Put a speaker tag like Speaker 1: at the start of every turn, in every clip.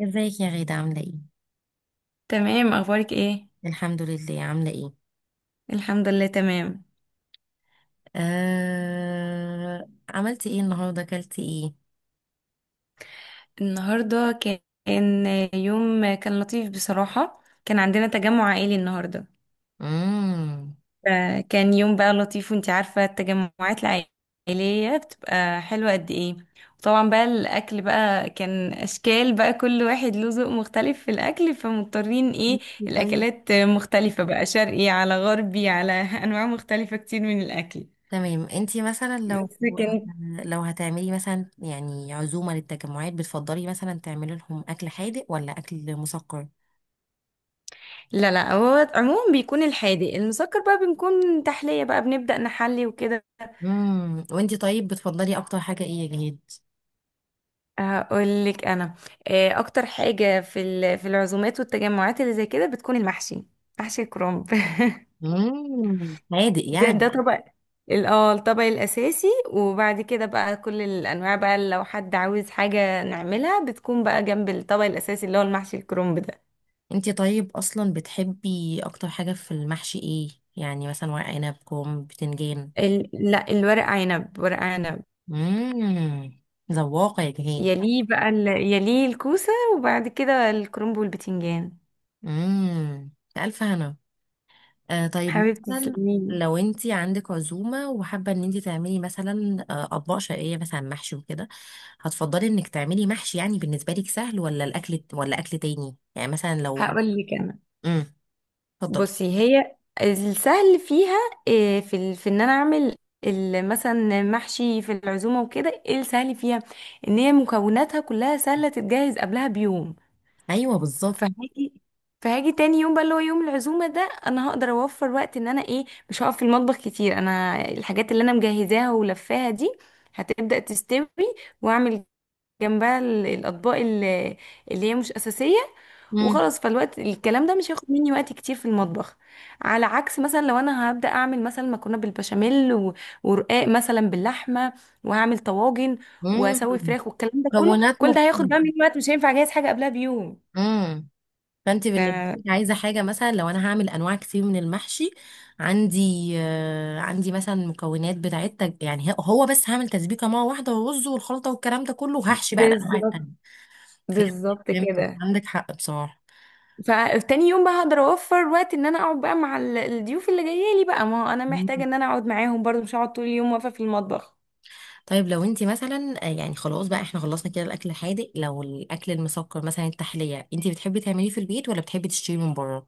Speaker 1: ازيك يا غيدة، عاملة ايه؟
Speaker 2: تمام. اخبارك ايه؟
Speaker 1: الحمد لله، عاملة ايه؟
Speaker 2: الحمد لله، تمام.
Speaker 1: عملتي ايه النهاردة، اكلتي ايه؟
Speaker 2: النهارده كان يوم لطيف بصراحه، كان عندنا تجمع عائلي النهارده.
Speaker 1: مم.
Speaker 2: فكان يوم بقى لطيف، وانتي عارفه التجمعات العائليه بتبقى حلوه قد ايه. وطبعا بقى الاكل بقى كان اشكال بقى، كل واحد له ذوق مختلف في الاكل فمضطرين ايه
Speaker 1: طيب،
Speaker 2: الاكلات مختلفه بقى، شرقي على غربي على انواع مختلفه كتير من الاكل.
Speaker 1: تمام. انتي مثلا لو
Speaker 2: بس كانت.
Speaker 1: لو هتعملي مثلا يعني عزومة للتجمعات، بتفضلي مثلا تعملي لهم اكل حادق ولا اكل مسكر؟
Speaker 2: لا لا، هو عموما بيكون الحادق المسكر بقى بنكون تحلية بقى بنبدأ نحلي وكده.
Speaker 1: مم. وانتي طيب بتفضلي اكتر حاجة ايه يا جهاد؟
Speaker 2: هقول لك انا، اكتر حاجة في العزومات والتجمعات اللي زي كده بتكون المحشي، محشي الكرنب.
Speaker 1: مم. حادق
Speaker 2: ده
Speaker 1: يعني.
Speaker 2: طبق، الطبق الاساسي، وبعد كده بقى كل الانواع بقى لو حد عاوز حاجة نعملها بتكون بقى جنب الطبق الاساسي اللي هو المحشي الكرنب ده.
Speaker 1: انتي طيب اصلا بتحبي اكتر حاجة في المحشي ايه؟ يعني مثلا ورق عنب، كرنب، بتنجان.
Speaker 2: لا، الورق عنب، ورق عنب.
Speaker 1: امم. ذواقة يا جهان.
Speaker 2: يليه بقى ال... يليه الكوسة، وبعد كده الكرنب والبتنجان.
Speaker 1: امم. ألف هنا. طيب،
Speaker 2: حبيبتي
Speaker 1: مثلا
Speaker 2: تسلميلي.
Speaker 1: لو انت عندك عزومة وحابة ان انت تعملي مثلا أطباق شرقية، مثلا محشي وكده، هتفضلي انك تعملي محشي يعني بالنسبة لك سهل، ولا الأكل، ولا أكل تاني؟ يعني مثلا لو...
Speaker 2: هقول لك انا،
Speaker 1: امم. اتفضلي.
Speaker 2: بصي هي السهل فيها إيه، في ان انا اعمل مثلا محشي في العزومه وكده. ايه السهل فيها؟ ان هي مكوناتها كلها سهله تتجهز قبلها بيوم.
Speaker 1: ايوه، بالظبط.
Speaker 2: فهاجي فهاجي تاني يوم بقى اللي هو يوم العزومه ده، انا هقدر اوفر وقت ان انا ايه مش هقف في المطبخ كتير. انا الحاجات اللي انا مجهزاها ولفاها دي هتبدأ تستوي، واعمل جنبها الاطباق اللي هي مش اساسيه،
Speaker 1: امم.
Speaker 2: وخلاص. فالوقت الكلام ده مش هياخد مني وقت كتير في المطبخ، على عكس مثلا لو انا هبدا اعمل مثلا مكرونه بالبشاميل ورقاق مثلا باللحمه، وهعمل طواجن
Speaker 1: امم.
Speaker 2: واسوي فراخ والكلام ده كله.
Speaker 1: مكونات
Speaker 2: كل ده هياخد
Speaker 1: مختلفة.
Speaker 2: بقى مني وقت مش هينفع اجهز حاجه قبلها بيوم.
Speaker 1: فانت
Speaker 2: ف
Speaker 1: بالنسبه لك عايزه حاجه، مثلا لو انا هعمل انواع كتير من المحشي، عندي مثلا مكونات بتاعت يعني هو، بس هعمل تسبيكه مره واحده والرز والخلطه والكلام ده كله، وهحشي بقى الانواع
Speaker 2: بالظبط.
Speaker 1: التانيه. فهمت.
Speaker 2: بالظبط
Speaker 1: فهمت،
Speaker 2: كده.
Speaker 1: عندك حق بصراحه.
Speaker 2: فتاني يوم بقى هقدر اوفر وقت ان انا اقعد بقى مع الضيوف اللي جايه لي بقى، ما هو انا محتاجه
Speaker 1: مم.
Speaker 2: ان انا اقعد معاهم برضو مش هقعد طول اليوم واقفه في المطبخ.
Speaker 1: طيب لو انت مثلا يعني خلاص بقى، احنا خلصنا كده الاكل الحادق. لو الاكل المسكر، مثلا التحليه، انت بتحبي تعمليه في البيت ولا بتحبي تشتري من بره؟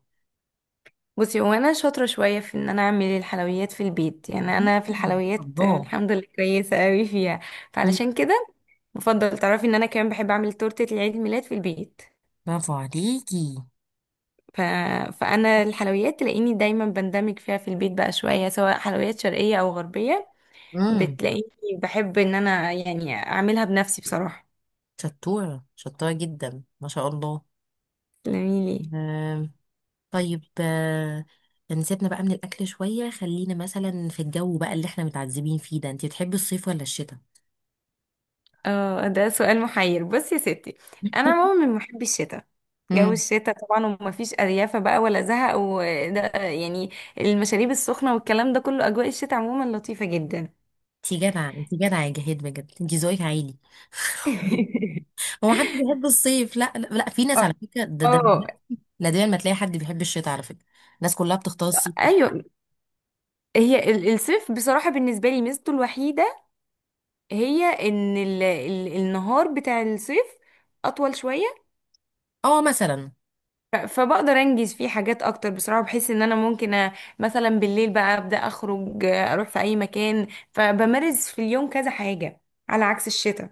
Speaker 2: بصي هو انا شاطره شويه في ان انا اعمل الحلويات في البيت. يعني انا في
Speaker 1: مم.
Speaker 2: الحلويات،
Speaker 1: الله.
Speaker 2: الحمد لله كويسه قوي فيها.
Speaker 1: مم.
Speaker 2: فعلشان كده بفضل تعرفي ان انا كمان بحب اعمل تورته العيد الميلاد في البيت.
Speaker 1: برافو عليكي.
Speaker 2: ف... فانا الحلويات تلاقيني دايما بندمج فيها في البيت بقى شويه، سواء حلويات شرقيه او غربيه.
Speaker 1: امم.
Speaker 2: بتلاقيني بحب ان انا يعني اعملي
Speaker 1: شطوره، شطوره جدا ما شاء الله.
Speaker 2: لي ليه.
Speaker 1: آه، طيب. نسيبنا بقى من الأكل شوية، خلينا مثلا في الجو، بقى اللي احنا متعذبين فيه ده، انتي بتحبي الصيف ولا الشتاء؟
Speaker 2: اه، ده سؤال محير. بصي يا ستي، انا عموما من محبي الشتاء. جو
Speaker 1: امم.
Speaker 2: الشتاء طبعا، ومفيش اريافه بقى ولا زهق وده يعني، المشاريب السخنه والكلام ده كله، اجواء الشتاء عموما لطيفه جدا.
Speaker 1: انتي جدعة، انتي جدعة يا جهاد، بجد انتي ذوقك عالي. هو حد بيحب الصيف؟ لا، لا، لا، في ناس على فكرة. ده
Speaker 2: اه،
Speaker 1: نادرا ما تلاقي حد بيحب الشتاء على فكرة. الناس كلها بتختار الصيف.
Speaker 2: ايوه. هي الصيف بصراحه بالنسبه لي ميزته الوحيده هي ان ال النهار بتاع الصيف اطول شويه.
Speaker 1: اه، مثلا.
Speaker 2: فبقدر انجز فيه حاجات اكتر، بصراحه بحس ان انا ممكن مثلا بالليل بقى ابدا اخرج، اروح في اي مكان فبمارس في اليوم كذا حاجه، على عكس الشتاء.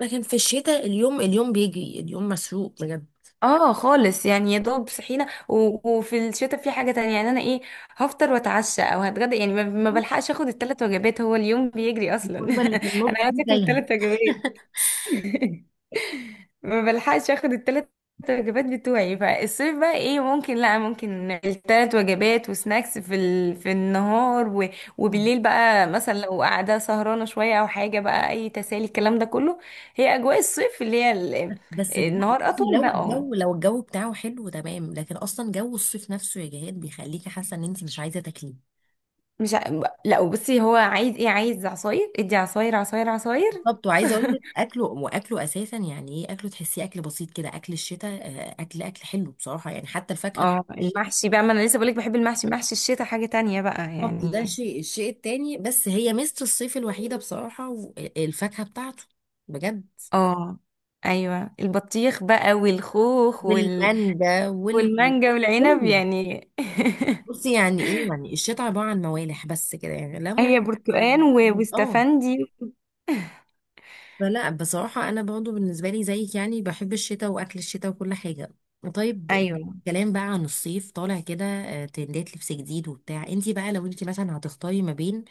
Speaker 1: لكن في الشتاء، اليوم، اليوم بيجري، اليوم مسروق بجد.
Speaker 2: اه خالص، يعني يا دوب صحينا وفي الشتاء في حاجه تانية يعني انا ايه هفطر واتعشى او هتغدى. يعني ما بلحقش اخد 3 وجبات، هو اليوم بيجري اصلا.
Speaker 1: الوجبة اللي في
Speaker 2: انا
Speaker 1: النص دي
Speaker 2: عايزه اكل
Speaker 1: تايهة.
Speaker 2: 3 وجبات. ما بلحقش اخد 3 وجبات بتوعي. فالصيف بقى ايه ممكن، لا ممكن 3 وجبات وسناكس في النهار وبالليل بقى مثلا لو قاعده سهرانه شويه او حاجه بقى اي تسالي الكلام ده كله. هي اجواء الصيف.
Speaker 1: بس لا،
Speaker 2: النهار
Speaker 1: بصي،
Speaker 2: اطول ده.
Speaker 1: لو
Speaker 2: اه.
Speaker 1: الجو لو الجو بتاعه حلو تمام، لكن اصلا جو الصيف نفسه يا جهاد بيخليكي حاسه ان انت مش عايزه تاكليه.
Speaker 2: مش ع... لا، وبصي هو عايز ايه؟ عايز عصاير، ادي عصاير، عصاير، عصاير.
Speaker 1: بالظبط. وعايزه اقول لك، اكله واكله اساسا. يعني ايه اكله؟ تحسيه اكل بسيط كده. اكل الشتاء، اكل حلو بصراحه، يعني حتى الفاكهه بتاعت
Speaker 2: اه،
Speaker 1: الشتاء.
Speaker 2: المحشي بقى، ما انا لسه بقولك بحب المحشي. محشي الشتاء حاجه تانية بقى
Speaker 1: بالظبط. ده
Speaker 2: يعني.
Speaker 1: الشيء التاني. بس هي ميزه الصيف الوحيده بصراحه، الفاكهه بتاعته. بجد.
Speaker 2: اه، ايوه، البطيخ بقى والخوخ
Speaker 1: والمانجا
Speaker 2: والمانجا والعنب
Speaker 1: كله.
Speaker 2: يعني.
Speaker 1: بصي يعني ايه؟ يعني الشتاء عباره عن موالح بس كده، يعني ليمون.
Speaker 2: هي
Speaker 1: اه.
Speaker 2: برتقان
Speaker 1: آه.
Speaker 2: واستفندي.
Speaker 1: فلا بصراحة، أنا برضو بالنسبة لي زيك، يعني بحب الشتاء وأكل الشتاء وكل حاجة. طيب،
Speaker 2: ايوه.
Speaker 1: كلام بقى عن الصيف طالع كده ترندات لبس جديد وبتاع. انتي بقى لو انتي مثلا هتختاري ما بين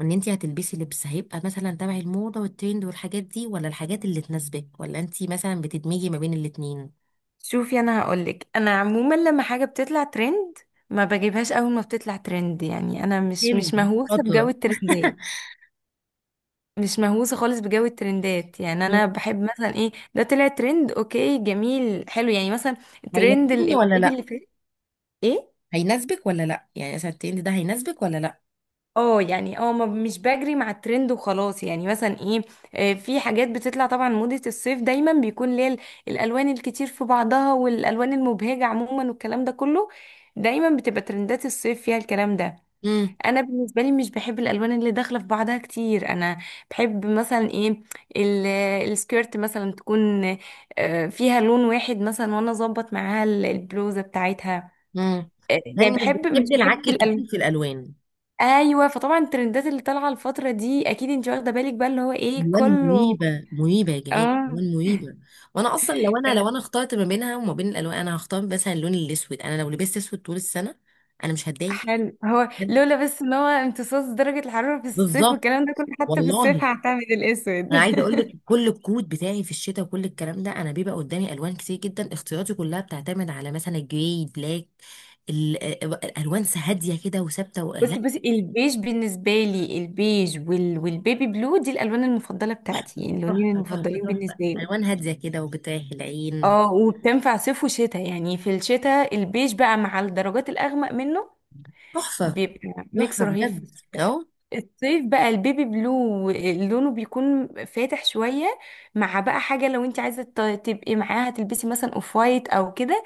Speaker 1: ان انتي هتلبسي لبس هيبقى مثلا تبع الموضة والترند والحاجات دي، ولا الحاجات اللي تناسبك، ولا انتي مثلا بتدمجي ما بين الاتنين؟
Speaker 2: شوفي، انا هقولك انا عموما لما حاجه بتطلع ترند ما بجيبهاش اول ما بتطلع ترند. يعني انا مش
Speaker 1: ترند.
Speaker 2: مهووسه بجو
Speaker 1: شاطرة.
Speaker 2: الترندات. مش مهووسه خالص بجو الترندات، يعني انا
Speaker 1: مم.
Speaker 2: بحب مثلا ايه ده طلع ترند، اوكي جميل حلو، يعني مثلا ترند
Speaker 1: هيناسبني ولا
Speaker 2: العيد
Speaker 1: لا؟
Speaker 2: اللي فات. ايه
Speaker 1: هيناسبك ولا لا؟ يعني مثلا الترند ده هيناسبك ولا لا؟
Speaker 2: اه يعني اه مش بجري مع الترند وخلاص. يعني مثلا ايه، في حاجات بتطلع طبعا، موضة الصيف دايما بيكون ليه الالوان الكتير في بعضها والالوان المبهجة عموما والكلام ده كله، دايما بتبقى ترندات الصيف فيها الكلام ده.
Speaker 1: امم.
Speaker 2: انا بالنسبة لي مش بحب الالوان اللي داخلة في بعضها كتير. انا بحب مثلا ايه ال- السكيرت مثلا تكون، فيها لون واحد مثلا وانا اظبط معاها البلوزة بتاعتها.
Speaker 1: امم.
Speaker 2: يعني
Speaker 1: لاني مش
Speaker 2: مش
Speaker 1: بتحبي العك
Speaker 2: بحب الالوان.
Speaker 1: الكتير في الالوان.
Speaker 2: ايوه، فطبعا الترندات اللي طالعه الفتره دي اكيد انت واخده بالك بقى اللي هو ايه
Speaker 1: الوان
Speaker 2: كله.
Speaker 1: مريبه، مريبه يا جهاد،
Speaker 2: اه
Speaker 1: الوان مريبه. وانا اصلا، لو انا اخترت ما بينها وما بين الالوان، انا هختار مثلا اللون الاسود. انا لو لبست اسود طول السنه، انا مش هتضايق.
Speaker 2: حلو، هو
Speaker 1: بجد.
Speaker 2: لولا بس ان هو امتصاص درجه الحراره في الصيف
Speaker 1: بالظبط.
Speaker 2: والكلام ده كله، حتى في الصيف
Speaker 1: والله.
Speaker 2: هعتمد الاسود.
Speaker 1: انا عايزه اقول لك، كل الكود بتاعي في الشتاء وكل الكلام ده، انا بيبقى قدامي الوان كتير جدا، اختياراتي كلها بتعتمد على مثلا جراي، بلاك، ال- الالوان هاديه كده وثابته، لا.
Speaker 2: بصي بصي، البيج بالنسبه لي، البيج والبيبي بلو دي الالوان المفضله بتاعتي يعني، اللونين
Speaker 1: تحفه، تحفه، تحفه،
Speaker 2: المفضلين
Speaker 1: تحفه.
Speaker 2: بالنسبه لي.
Speaker 1: الوان هاديه كده وبتريح العين.
Speaker 2: اه، وبتنفع صيف وشتاء. يعني في الشتاء البيج بقى مع الدرجات الاغمق منه
Speaker 1: تحفه،
Speaker 2: بيبقى ميكس
Speaker 1: تحفه
Speaker 2: رهيب في
Speaker 1: بجد
Speaker 2: الشتاء.
Speaker 1: اهو.
Speaker 2: الصيف بقى البيبي بلو لونه بيكون فاتح شوية، مع بقى حاجة لو انت عايزة تبقي معاها تلبسي مثلا اوف وايت او كده،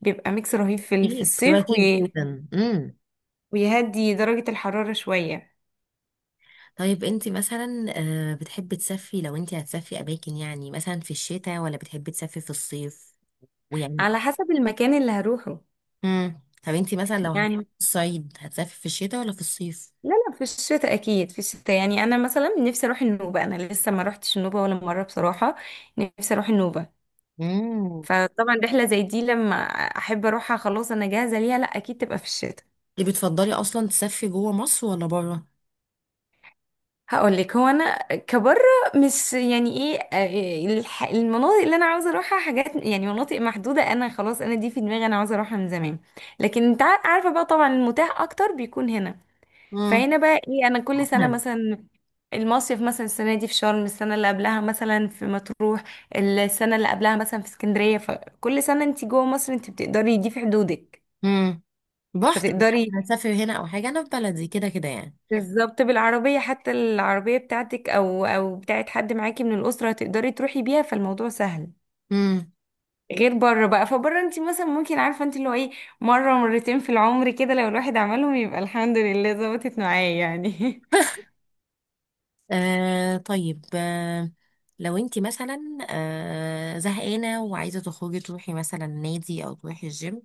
Speaker 2: بيبقى ميكس رهيب في
Speaker 1: كتير، بتبقى
Speaker 2: الصيف
Speaker 1: كتير جدا. امم.
Speaker 2: ويهدي درجة الحرارة شوية.
Speaker 1: طيب انت مثلا بتحبي تسافري. لو انت هتسافري اماكن يعني، مثلا في الشتاء ولا بتحبي تسافري في الصيف؟ ويعني...
Speaker 2: على حسب المكان اللي هروحه
Speaker 1: امم. طب انت مثلا لو
Speaker 2: يعني.
Speaker 1: هتسافري في الشتاء ولا في الصيف؟
Speaker 2: لا لا، في الشتاء، اكيد في الشتاء. يعني انا مثلا نفسي اروح النوبة، انا لسه ما روحتش النوبة ولا مرة بصراحة، نفسي اروح النوبة.
Speaker 1: امم.
Speaker 2: فطبعا رحلة زي دي لما احب اروحها خلاص انا جاهزة ليها، لا اكيد تبقى في الشتاء.
Speaker 1: انت بتفضلي اصلا تسافري جوه مصر ولا بره؟
Speaker 2: هقول لك هو انا كبره مش يعني ايه، المناطق اللي انا عاوزه اروحها حاجات يعني، مناطق محدوده انا خلاص انا دي في دماغي انا عاوزه اروحها من زمان. لكن انت عارفه بقى طبعا المتاح اكتر بيكون هنا.
Speaker 1: امم.
Speaker 2: فهنا بقى ايه انا كل سنه
Speaker 1: مثلا.
Speaker 2: مثلا المصيف، مثلا السنه دي في شرم، السنه اللي قبلها مثلا في مطروح، السنه اللي قبلها مثلا في اسكندريه. فكل سنه انت جوه مصر انت بتقدري دي في حدودك
Speaker 1: امم. بحت.
Speaker 2: فتقدري.
Speaker 1: هتسافري هنا او حاجه. انا في بلدي كده كده يعني.
Speaker 2: بالظبط، بالعربية حتى، العربية بتاعتك او او بتاعت حد معاكي من الأسرة هتقدري تروحي بيها فالموضوع سهل.
Speaker 1: امم.
Speaker 2: غير بره بقى، فبره انت مثلا ممكن عارفة انت اللي هو ايه، مرة مرتين في العمر كده لو الواحد عملهم يبقى الحمد لله ظبطت معاه يعني.
Speaker 1: طيب. لو انت مثلا زهقانة وعايزة تخرجي، تروحي مثلا نادي او تروحي الجيم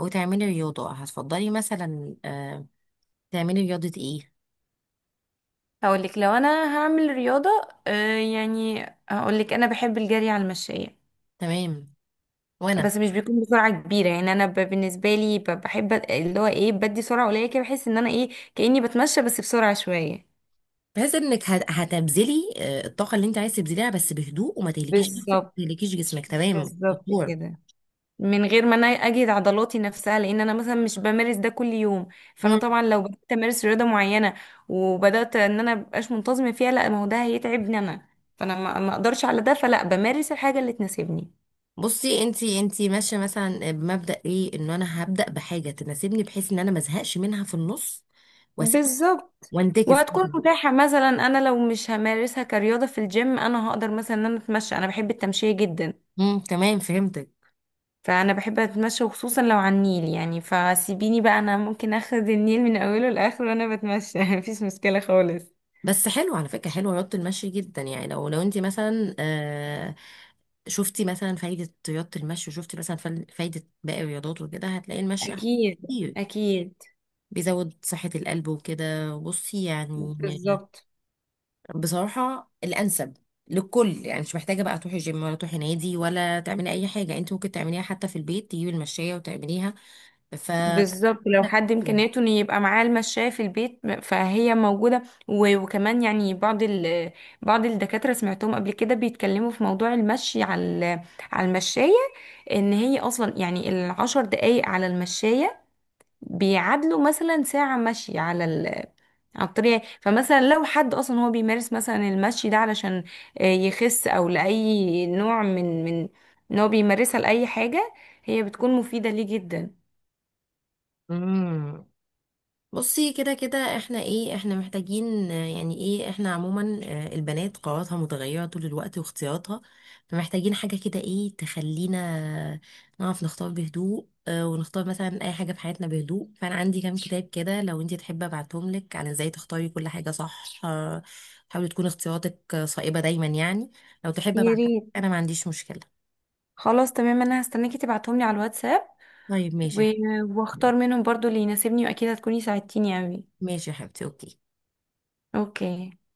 Speaker 1: او تعملي رياضة، هتفضلي مثلا تعملي رياضة ايه؟
Speaker 2: هقولك لو انا هعمل رياضة، يعني هقولك انا بحب الجري على المشاية.
Speaker 1: تمام. وانا.
Speaker 2: بس مش بيكون بسرعة كبيرة، يعني انا بالنسبة لي بحب اللي هو ايه بدي سرعة قليلة كده، بحس ان انا ايه كأني بتمشى بس بسرعة شوية.
Speaker 1: بحيث انك هتبذلي الطاقة اللي انت عايز تبذليها، بس بهدوء، وما تهلكيش نفسك
Speaker 2: بالظبط.
Speaker 1: وما تهلكيش جسمك. تمام
Speaker 2: بالظبط
Speaker 1: دكتور.
Speaker 2: كده، من غير ما انا اجهد عضلاتي نفسها، لان انا مثلا مش بمارس ده كل يوم. فانا
Speaker 1: مم.
Speaker 2: طبعا لو بدات امارس رياضه معينه وبدات ان انا مبقاش منتظمه فيها، لا ما هو ده هيتعبني انا. فانا ما اقدرش على ده، فلا بمارس الحاجه اللي تناسبني.
Speaker 1: بصي، انت ماشية مثلا بمبدأ ايه؟ ان انا هبدأ بحاجة تناسبني، بحيث ان انا ما ازهقش منها في النص واسيب
Speaker 2: بالظبط.
Speaker 1: وانتكس.
Speaker 2: وهتكون متاحه، مثلا انا لو مش همارسها كرياضه في الجيم انا هقدر مثلا ان انا اتمشى، انا بحب التمشيه جدا.
Speaker 1: امم، تمام، فهمتك.
Speaker 2: فانا بحب اتمشى، وخصوصا لو على النيل يعني، فسيبيني بقى انا ممكن اخد النيل من اوله لاخره وانا بتمشى. مفيش مشكله خالص.
Speaker 1: بس حلو على فكرة، حلو رياضة المشي جدا. يعني لو انت مثلا شفتي مثلا فايدة رياضة المشي، وشفتي مثلا فايدة باقي الرياضات وكده، هتلاقي المشي احسن
Speaker 2: اكيد،
Speaker 1: كتير.
Speaker 2: اكيد.
Speaker 1: بيزود صحة القلب وكده، بصي يعني،
Speaker 2: بالظبط.
Speaker 1: بصراحة الأنسب للكل. يعني مش محتاجة بقى تروحي جيم ولا تروحي نادي ولا تعملي أي حاجة. انت ممكن تعمليها حتى في البيت، تجيبي المشاية وتعمليها. ف
Speaker 2: بالظبط، لو حد امكانياته ان يبقى معاه المشاية في البيت فهي موجودة، وكمان يعني بعض الدكاترة سمعتهم قبل كده بيتكلموا في موضوع المشي على ال- على المشاية، ان هي اصلا يعني 10 دقايق على المشاية بيعادلوا مثلا ساعة مشي على على الطريق. فمثلا لو حد اصلا هو بيمارس مثلا المشي ده علشان يخس او لاي نوع من ان هو بيمارسها لاي حاجه هي بتكون مفيده ليه جدا.
Speaker 1: امم. بصي، كده كده احنا ايه. احنا محتاجين يعني ايه، احنا عموما البنات قواتها متغيرة طول الوقت واختياراتها، فمحتاجين حاجة كده ايه تخلينا نعرف نختار بهدوء. ونختار مثلا اي حاجة في حياتنا بهدوء. فانا عندي كام كتاب كده، لو انتي تحبي ابعتهم لك عن ازاي تختاري كل حاجة صح، حاولي تكون اختياراتك صائبة دايما يعني. لو تحبي
Speaker 2: يا
Speaker 1: ابعتهم لك،
Speaker 2: ريت،
Speaker 1: انا ما عنديش مشكلة.
Speaker 2: خلاص تمام. انا هستناكي تبعتهم لي على الواتساب
Speaker 1: طيب، ماشي
Speaker 2: و-
Speaker 1: يا حبيبتي.
Speaker 2: واختار منهم برضو اللي يناسبني، واكيد هتكوني ساعدتيني اوي.
Speaker 1: ماشي يا حبيبتي، اوكي.
Speaker 2: اوكي.